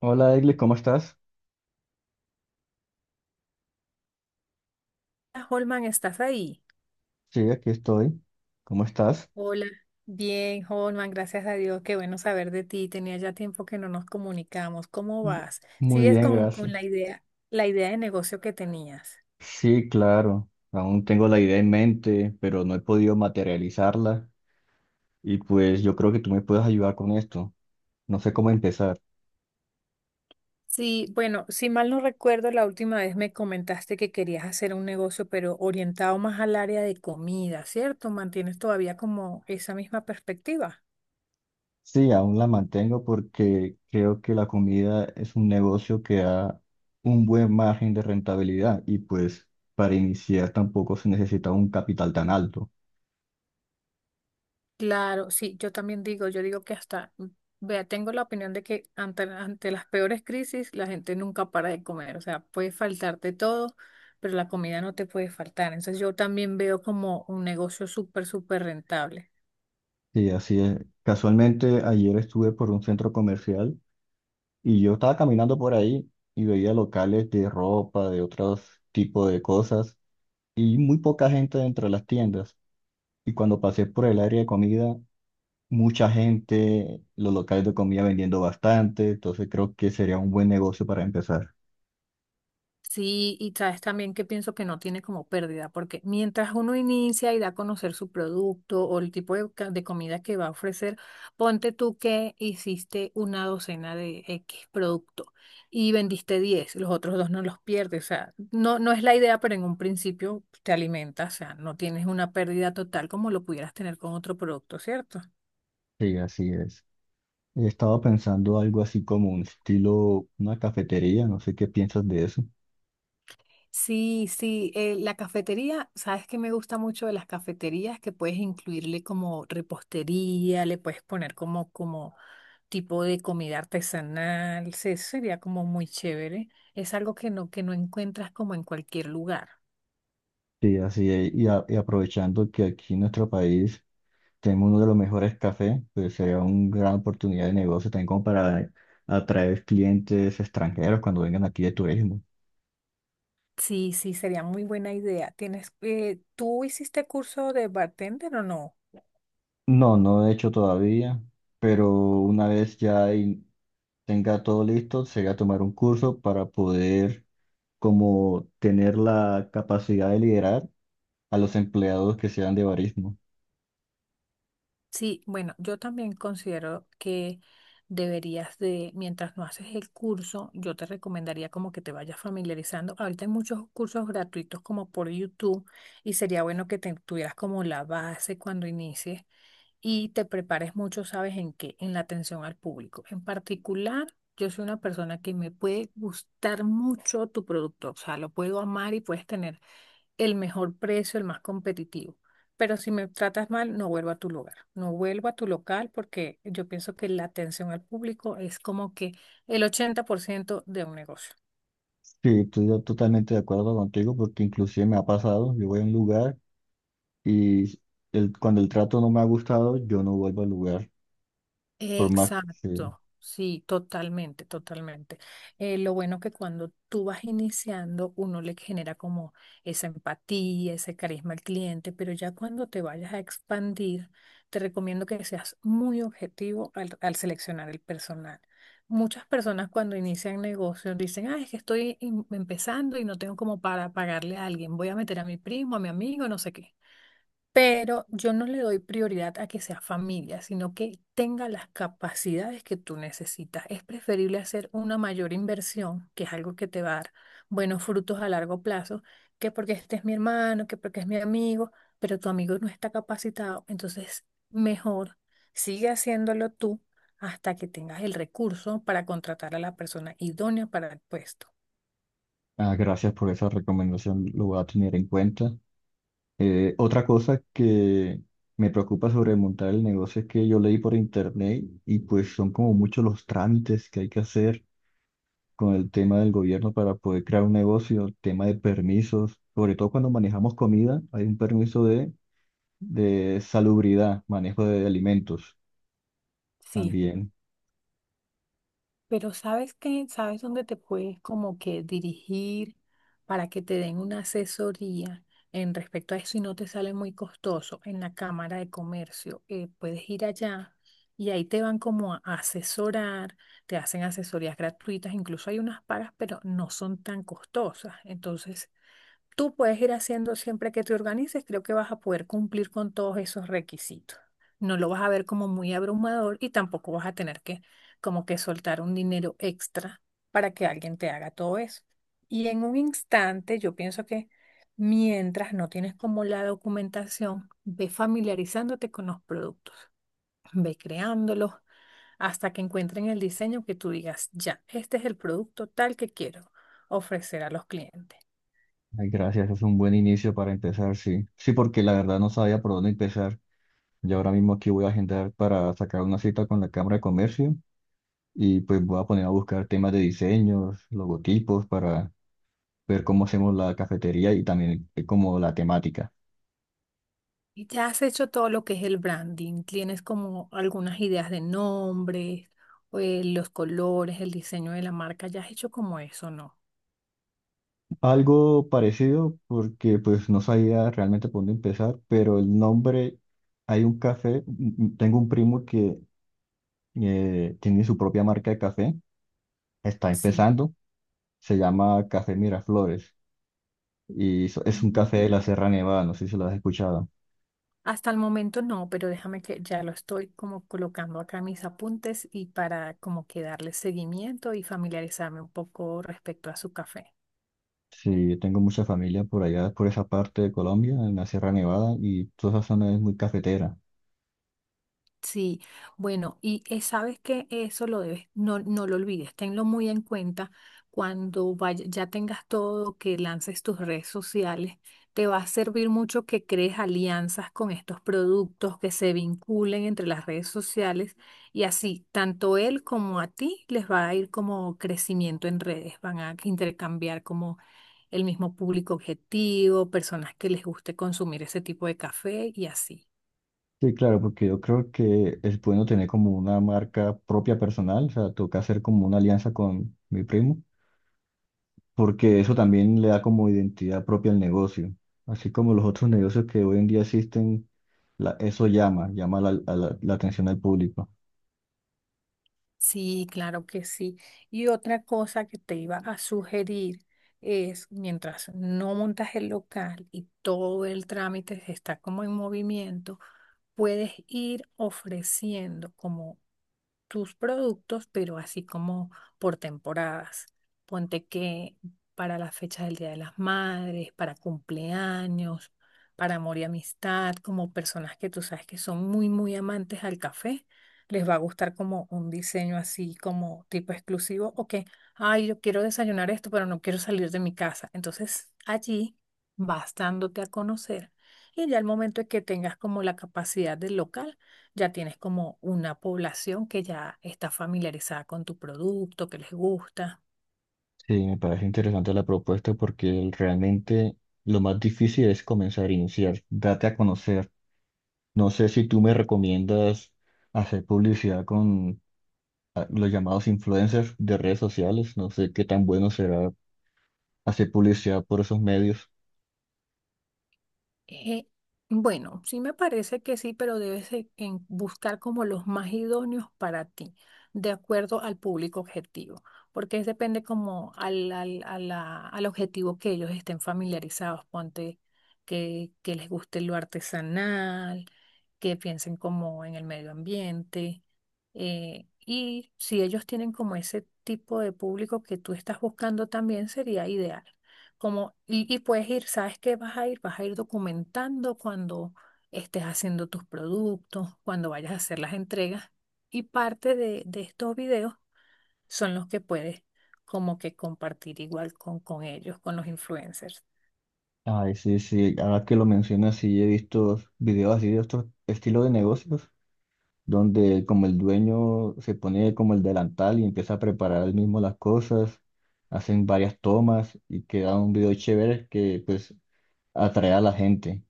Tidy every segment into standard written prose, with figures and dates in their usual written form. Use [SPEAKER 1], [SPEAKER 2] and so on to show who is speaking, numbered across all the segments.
[SPEAKER 1] Hola, Egli, ¿cómo estás?
[SPEAKER 2] Hola, Holman, ¿estás ahí?
[SPEAKER 1] Sí, aquí estoy. ¿Cómo estás?
[SPEAKER 2] Hola. Bien, Holman, gracias a Dios, qué bueno saber de ti. Tenía ya tiempo que no nos comunicamos. ¿Cómo vas?
[SPEAKER 1] Muy
[SPEAKER 2] ¿Sigues
[SPEAKER 1] bien,
[SPEAKER 2] con,
[SPEAKER 1] gracias.
[SPEAKER 2] con la idea de negocio que tenías?
[SPEAKER 1] Sí, claro. Aún tengo la idea en mente, pero no he podido materializarla. Y pues yo creo que tú me puedes ayudar con esto. No sé cómo empezar.
[SPEAKER 2] Sí, bueno, si mal no recuerdo, la última vez me comentaste que querías hacer un negocio, pero orientado más al área de comida, ¿cierto? ¿Mantienes todavía como esa misma perspectiva?
[SPEAKER 1] Sí, aún la mantengo porque creo que la comida es un negocio que da un buen margen de rentabilidad y pues para iniciar tampoco se necesita un capital tan alto.
[SPEAKER 2] Claro, sí, yo también digo, yo digo que hasta, vea, tengo la opinión de que ante las peores crisis la gente nunca para de comer, o sea, puede faltarte todo, pero la comida no te puede faltar. Entonces yo también veo como un negocio súper, súper rentable.
[SPEAKER 1] Sí, así es. Casualmente ayer estuve por un centro comercial y yo estaba caminando por ahí y veía locales de ropa, de otros tipos de cosas, y muy poca gente dentro de las tiendas. Y cuando pasé por el área de comida, mucha gente, los locales de comida vendiendo bastante, entonces creo que sería un buen negocio para empezar.
[SPEAKER 2] Sí, y sabes también que pienso que no tiene como pérdida, porque mientras uno inicia y da a conocer su producto o el tipo de, de comida que va a ofrecer, ponte tú que hiciste una docena de X producto y vendiste 10, los otros dos no los pierdes, o sea, no, no es la idea, pero en un principio te alimentas, o sea, no tienes una pérdida total como lo pudieras tener con otro producto, ¿cierto?
[SPEAKER 1] Sí, así es. Estaba pensando algo así como un estilo, una cafetería, no sé qué piensas de eso.
[SPEAKER 2] Sí, sí, la cafetería, sabes que me gusta mucho de las cafeterías que puedes incluirle como repostería, le puedes poner como, como tipo de comida artesanal, sería como muy chévere. Es algo que no encuentras como en cualquier lugar.
[SPEAKER 1] Sí, así es. Y, y aprovechando que aquí en nuestro país tenemos uno de los mejores cafés, pues sería una gran oportunidad de negocio también como para atraer clientes extranjeros cuando vengan aquí de turismo.
[SPEAKER 2] Sí, sí, sería muy buena idea. ¿Tienes, tú hiciste curso de bartender o no?
[SPEAKER 1] No, no he hecho todavía, pero una vez ya tenga todo listo, sería tomar un curso para poder como tener la capacidad de liderar a los empleados que sean de barismo.
[SPEAKER 2] Sí, bueno, yo también considero que deberías de, mientras no haces el curso, yo te recomendaría como que te vayas familiarizando. Ahorita hay muchos cursos gratuitos como por YouTube y sería bueno que te tuvieras como la base cuando inicies y te prepares mucho, ¿sabes en qué? En la atención al público. En particular, yo soy una persona que me puede gustar mucho tu producto, o sea, lo puedo amar y puedes tener el mejor precio, el más competitivo. Pero si me tratas mal, no vuelvo a tu lugar, no vuelvo a tu local porque yo pienso que la atención al público es como que el 80% de un negocio.
[SPEAKER 1] Sí, estoy yo totalmente de acuerdo contigo porque inclusive me ha pasado, yo voy a un lugar y cuando el trato no me ha gustado, yo no vuelvo al lugar. Por Mac, sí.
[SPEAKER 2] Exacto, sí, totalmente, totalmente. Lo bueno que cuando tú vas iniciando, uno le genera como esa empatía, ese carisma al cliente, pero ya cuando te vayas a expandir, te recomiendo que seas muy objetivo al seleccionar el personal. Muchas personas cuando inician negocios dicen, ah, es que estoy empezando y no tengo como para pagarle a alguien, voy a meter a mi primo, a mi amigo, no sé qué. Pero yo no le doy prioridad a que sea familia, sino que tenga las capacidades que tú necesitas. Es preferible hacer una mayor inversión, que es algo que te va a dar buenos frutos a largo plazo, que porque este es mi hermano, que porque es mi amigo, pero tu amigo no está capacitado. Entonces, mejor sigue haciéndolo tú hasta que tengas el recurso para contratar a la persona idónea para el puesto.
[SPEAKER 1] Ah, gracias por esa recomendación, lo voy a tener en cuenta. Otra cosa que me preocupa sobre montar el negocio es que yo leí por internet y pues son como muchos los trámites que hay que hacer con el tema del gobierno para poder crear un negocio, el tema de permisos, sobre todo cuando manejamos comida, hay un permiso de salubridad, manejo de alimentos
[SPEAKER 2] Sí,
[SPEAKER 1] también.
[SPEAKER 2] pero sabes que, sabes dónde te puedes como que dirigir para que te den una asesoría en respecto a eso y no te sale muy costoso en la Cámara de Comercio. Puedes ir allá y ahí te van como a asesorar, te hacen asesorías gratuitas, incluso hay unas pagas, pero no son tan costosas. Entonces, tú puedes ir haciendo siempre que te organices, creo que vas a poder cumplir con todos esos requisitos. No lo vas a ver como muy abrumador y tampoco vas a tener que como que soltar un dinero extra para que alguien te haga todo eso. Y en un instante, yo pienso que mientras no tienes como la documentación, ve familiarizándote con los productos, ve creándolos hasta que encuentren el diseño que tú digas, ya, este es el producto tal que quiero ofrecer a los clientes.
[SPEAKER 1] Ay, gracias, es un buen inicio para empezar, sí. Sí, porque la verdad no sabía por dónde empezar. Yo ahora mismo aquí voy a agendar para sacar una cita con la Cámara de Comercio y pues voy a poner a buscar temas de diseños, logotipos para ver cómo hacemos la cafetería y también como la temática.
[SPEAKER 2] Y ya has hecho todo lo que es el branding, tienes como algunas ideas de nombres, los colores, el diseño de la marca, ya has hecho como eso, ¿no?
[SPEAKER 1] Algo parecido porque pues no sabía realmente por dónde empezar, pero el nombre, hay un café, tengo un primo que tiene su propia marca de café, está
[SPEAKER 2] Sí.
[SPEAKER 1] empezando, se llama Café Miraflores y es un
[SPEAKER 2] Mm.
[SPEAKER 1] café de la Sierra Nevada, no sé si lo has escuchado.
[SPEAKER 2] Hasta el momento no, pero déjame que ya lo estoy como colocando acá en mis apuntes y para como que darle seguimiento y familiarizarme un poco respecto a su café.
[SPEAKER 1] Sí, tengo mucha familia por allá, por esa parte de Colombia, en la Sierra Nevada, y toda esa zona es muy cafetera.
[SPEAKER 2] Sí, bueno, y sabes que eso lo debes, no, no lo olvides, tenlo muy en cuenta cuando ya tengas todo, que lances tus redes sociales, te va a servir mucho que crees alianzas con estos productos, que se vinculen entre las redes sociales y así, tanto él como a ti les va a ir como crecimiento en redes, van a intercambiar como el mismo público objetivo, personas que les guste consumir ese tipo de café y así.
[SPEAKER 1] Sí, claro, porque yo creo que es bueno tener como una marca propia personal, o sea, toca hacer como una alianza con mi primo, porque eso también le da como identidad propia al negocio. Así como los otros negocios que hoy en día existen, eso llama, llama la, a la la atención al público.
[SPEAKER 2] Sí, claro que sí. Y otra cosa que te iba a sugerir es, mientras no montas el local y todo el trámite está como en movimiento, puedes ir ofreciendo como tus productos, pero así como por temporadas. Ponte que para las fechas del Día de las Madres, para cumpleaños, para amor y amistad, como personas que tú sabes que son muy, muy amantes al café, les va a gustar como un diseño así como tipo exclusivo o que, ay, yo quiero desayunar esto, pero no quiero salir de mi casa. Entonces allí vas dándote a conocer y ya al momento de que tengas como la capacidad del local, ya tienes como una población que ya está familiarizada con tu producto, que les gusta.
[SPEAKER 1] Sí, me parece interesante la propuesta porque realmente lo más difícil es comenzar a iniciar, date a conocer. No sé si tú me recomiendas hacer publicidad con los llamados influencers de redes sociales. No sé qué tan bueno será hacer publicidad por esos medios.
[SPEAKER 2] Eh, bueno, sí me parece que sí, pero debes de- en buscar como los más idóneos para ti, de acuerdo al público objetivo, porque es depende como a al objetivo que ellos estén familiarizados, ponte que les guste lo artesanal, que piensen como en el medio ambiente, y si ellos tienen como ese tipo de público que tú estás buscando también sería ideal como, y puedes ir, ¿sabes qué vas a ir? Vas a ir documentando cuando estés haciendo tus productos, cuando vayas a hacer las entregas. Y parte de estos videos son los que puedes como que compartir igual con ellos, con los influencers.
[SPEAKER 1] Ay, sí, sí. Ahora que lo mencionas, sí he visto videos así de otro estilo de negocios, donde como el dueño se pone como el delantal y empieza a preparar él mismo las cosas, hacen varias tomas y queda un video chévere que pues atrae a la gente.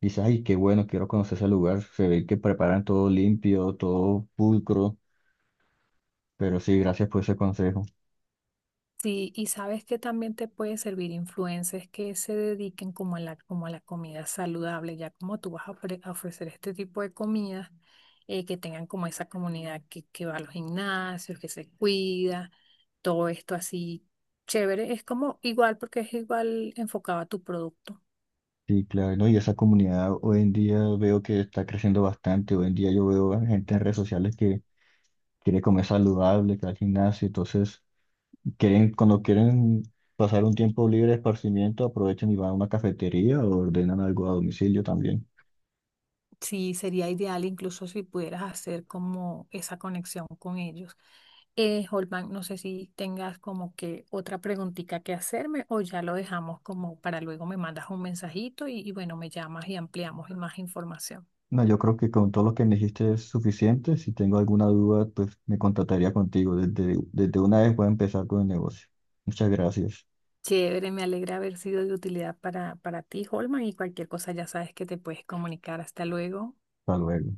[SPEAKER 1] Dices, ay, qué bueno, quiero conocer ese lugar. Se ve que preparan todo limpio, todo pulcro. Pero sí, gracias por ese consejo.
[SPEAKER 2] Sí, y sabes que también te puede servir influencers que se dediquen como a la comida saludable, ya como tú vas a, a ofrecer este tipo de comidas, que tengan como esa comunidad que va a los gimnasios, que se cuida, todo esto así chévere, es como igual porque es igual enfocado a tu producto.
[SPEAKER 1] Sí, claro, ¿no? Y esa comunidad hoy en día veo que está creciendo bastante. Hoy en día yo veo a gente en redes sociales que quiere comer saludable, que va al gimnasio. Entonces, quieren, cuando quieren pasar un tiempo libre de esparcimiento, aprovechan y van a una cafetería o ordenan algo a domicilio también.
[SPEAKER 2] Sí, sería ideal incluso si pudieras hacer como esa conexión con ellos. Holman, no sé si tengas como que otra preguntita que hacerme o ya lo dejamos como para luego me mandas un mensajito y bueno, me llamas y ampliamos en más información.
[SPEAKER 1] No, yo creo que con todo lo que me dijiste es suficiente. Si tengo alguna duda, pues me contactaría contigo. Desde una vez voy a empezar con el negocio. Muchas gracias.
[SPEAKER 2] Chévere, me alegra haber sido de utilidad para ti, Holman, y cualquier cosa ya sabes que te puedes comunicar. Hasta luego.
[SPEAKER 1] Hasta luego.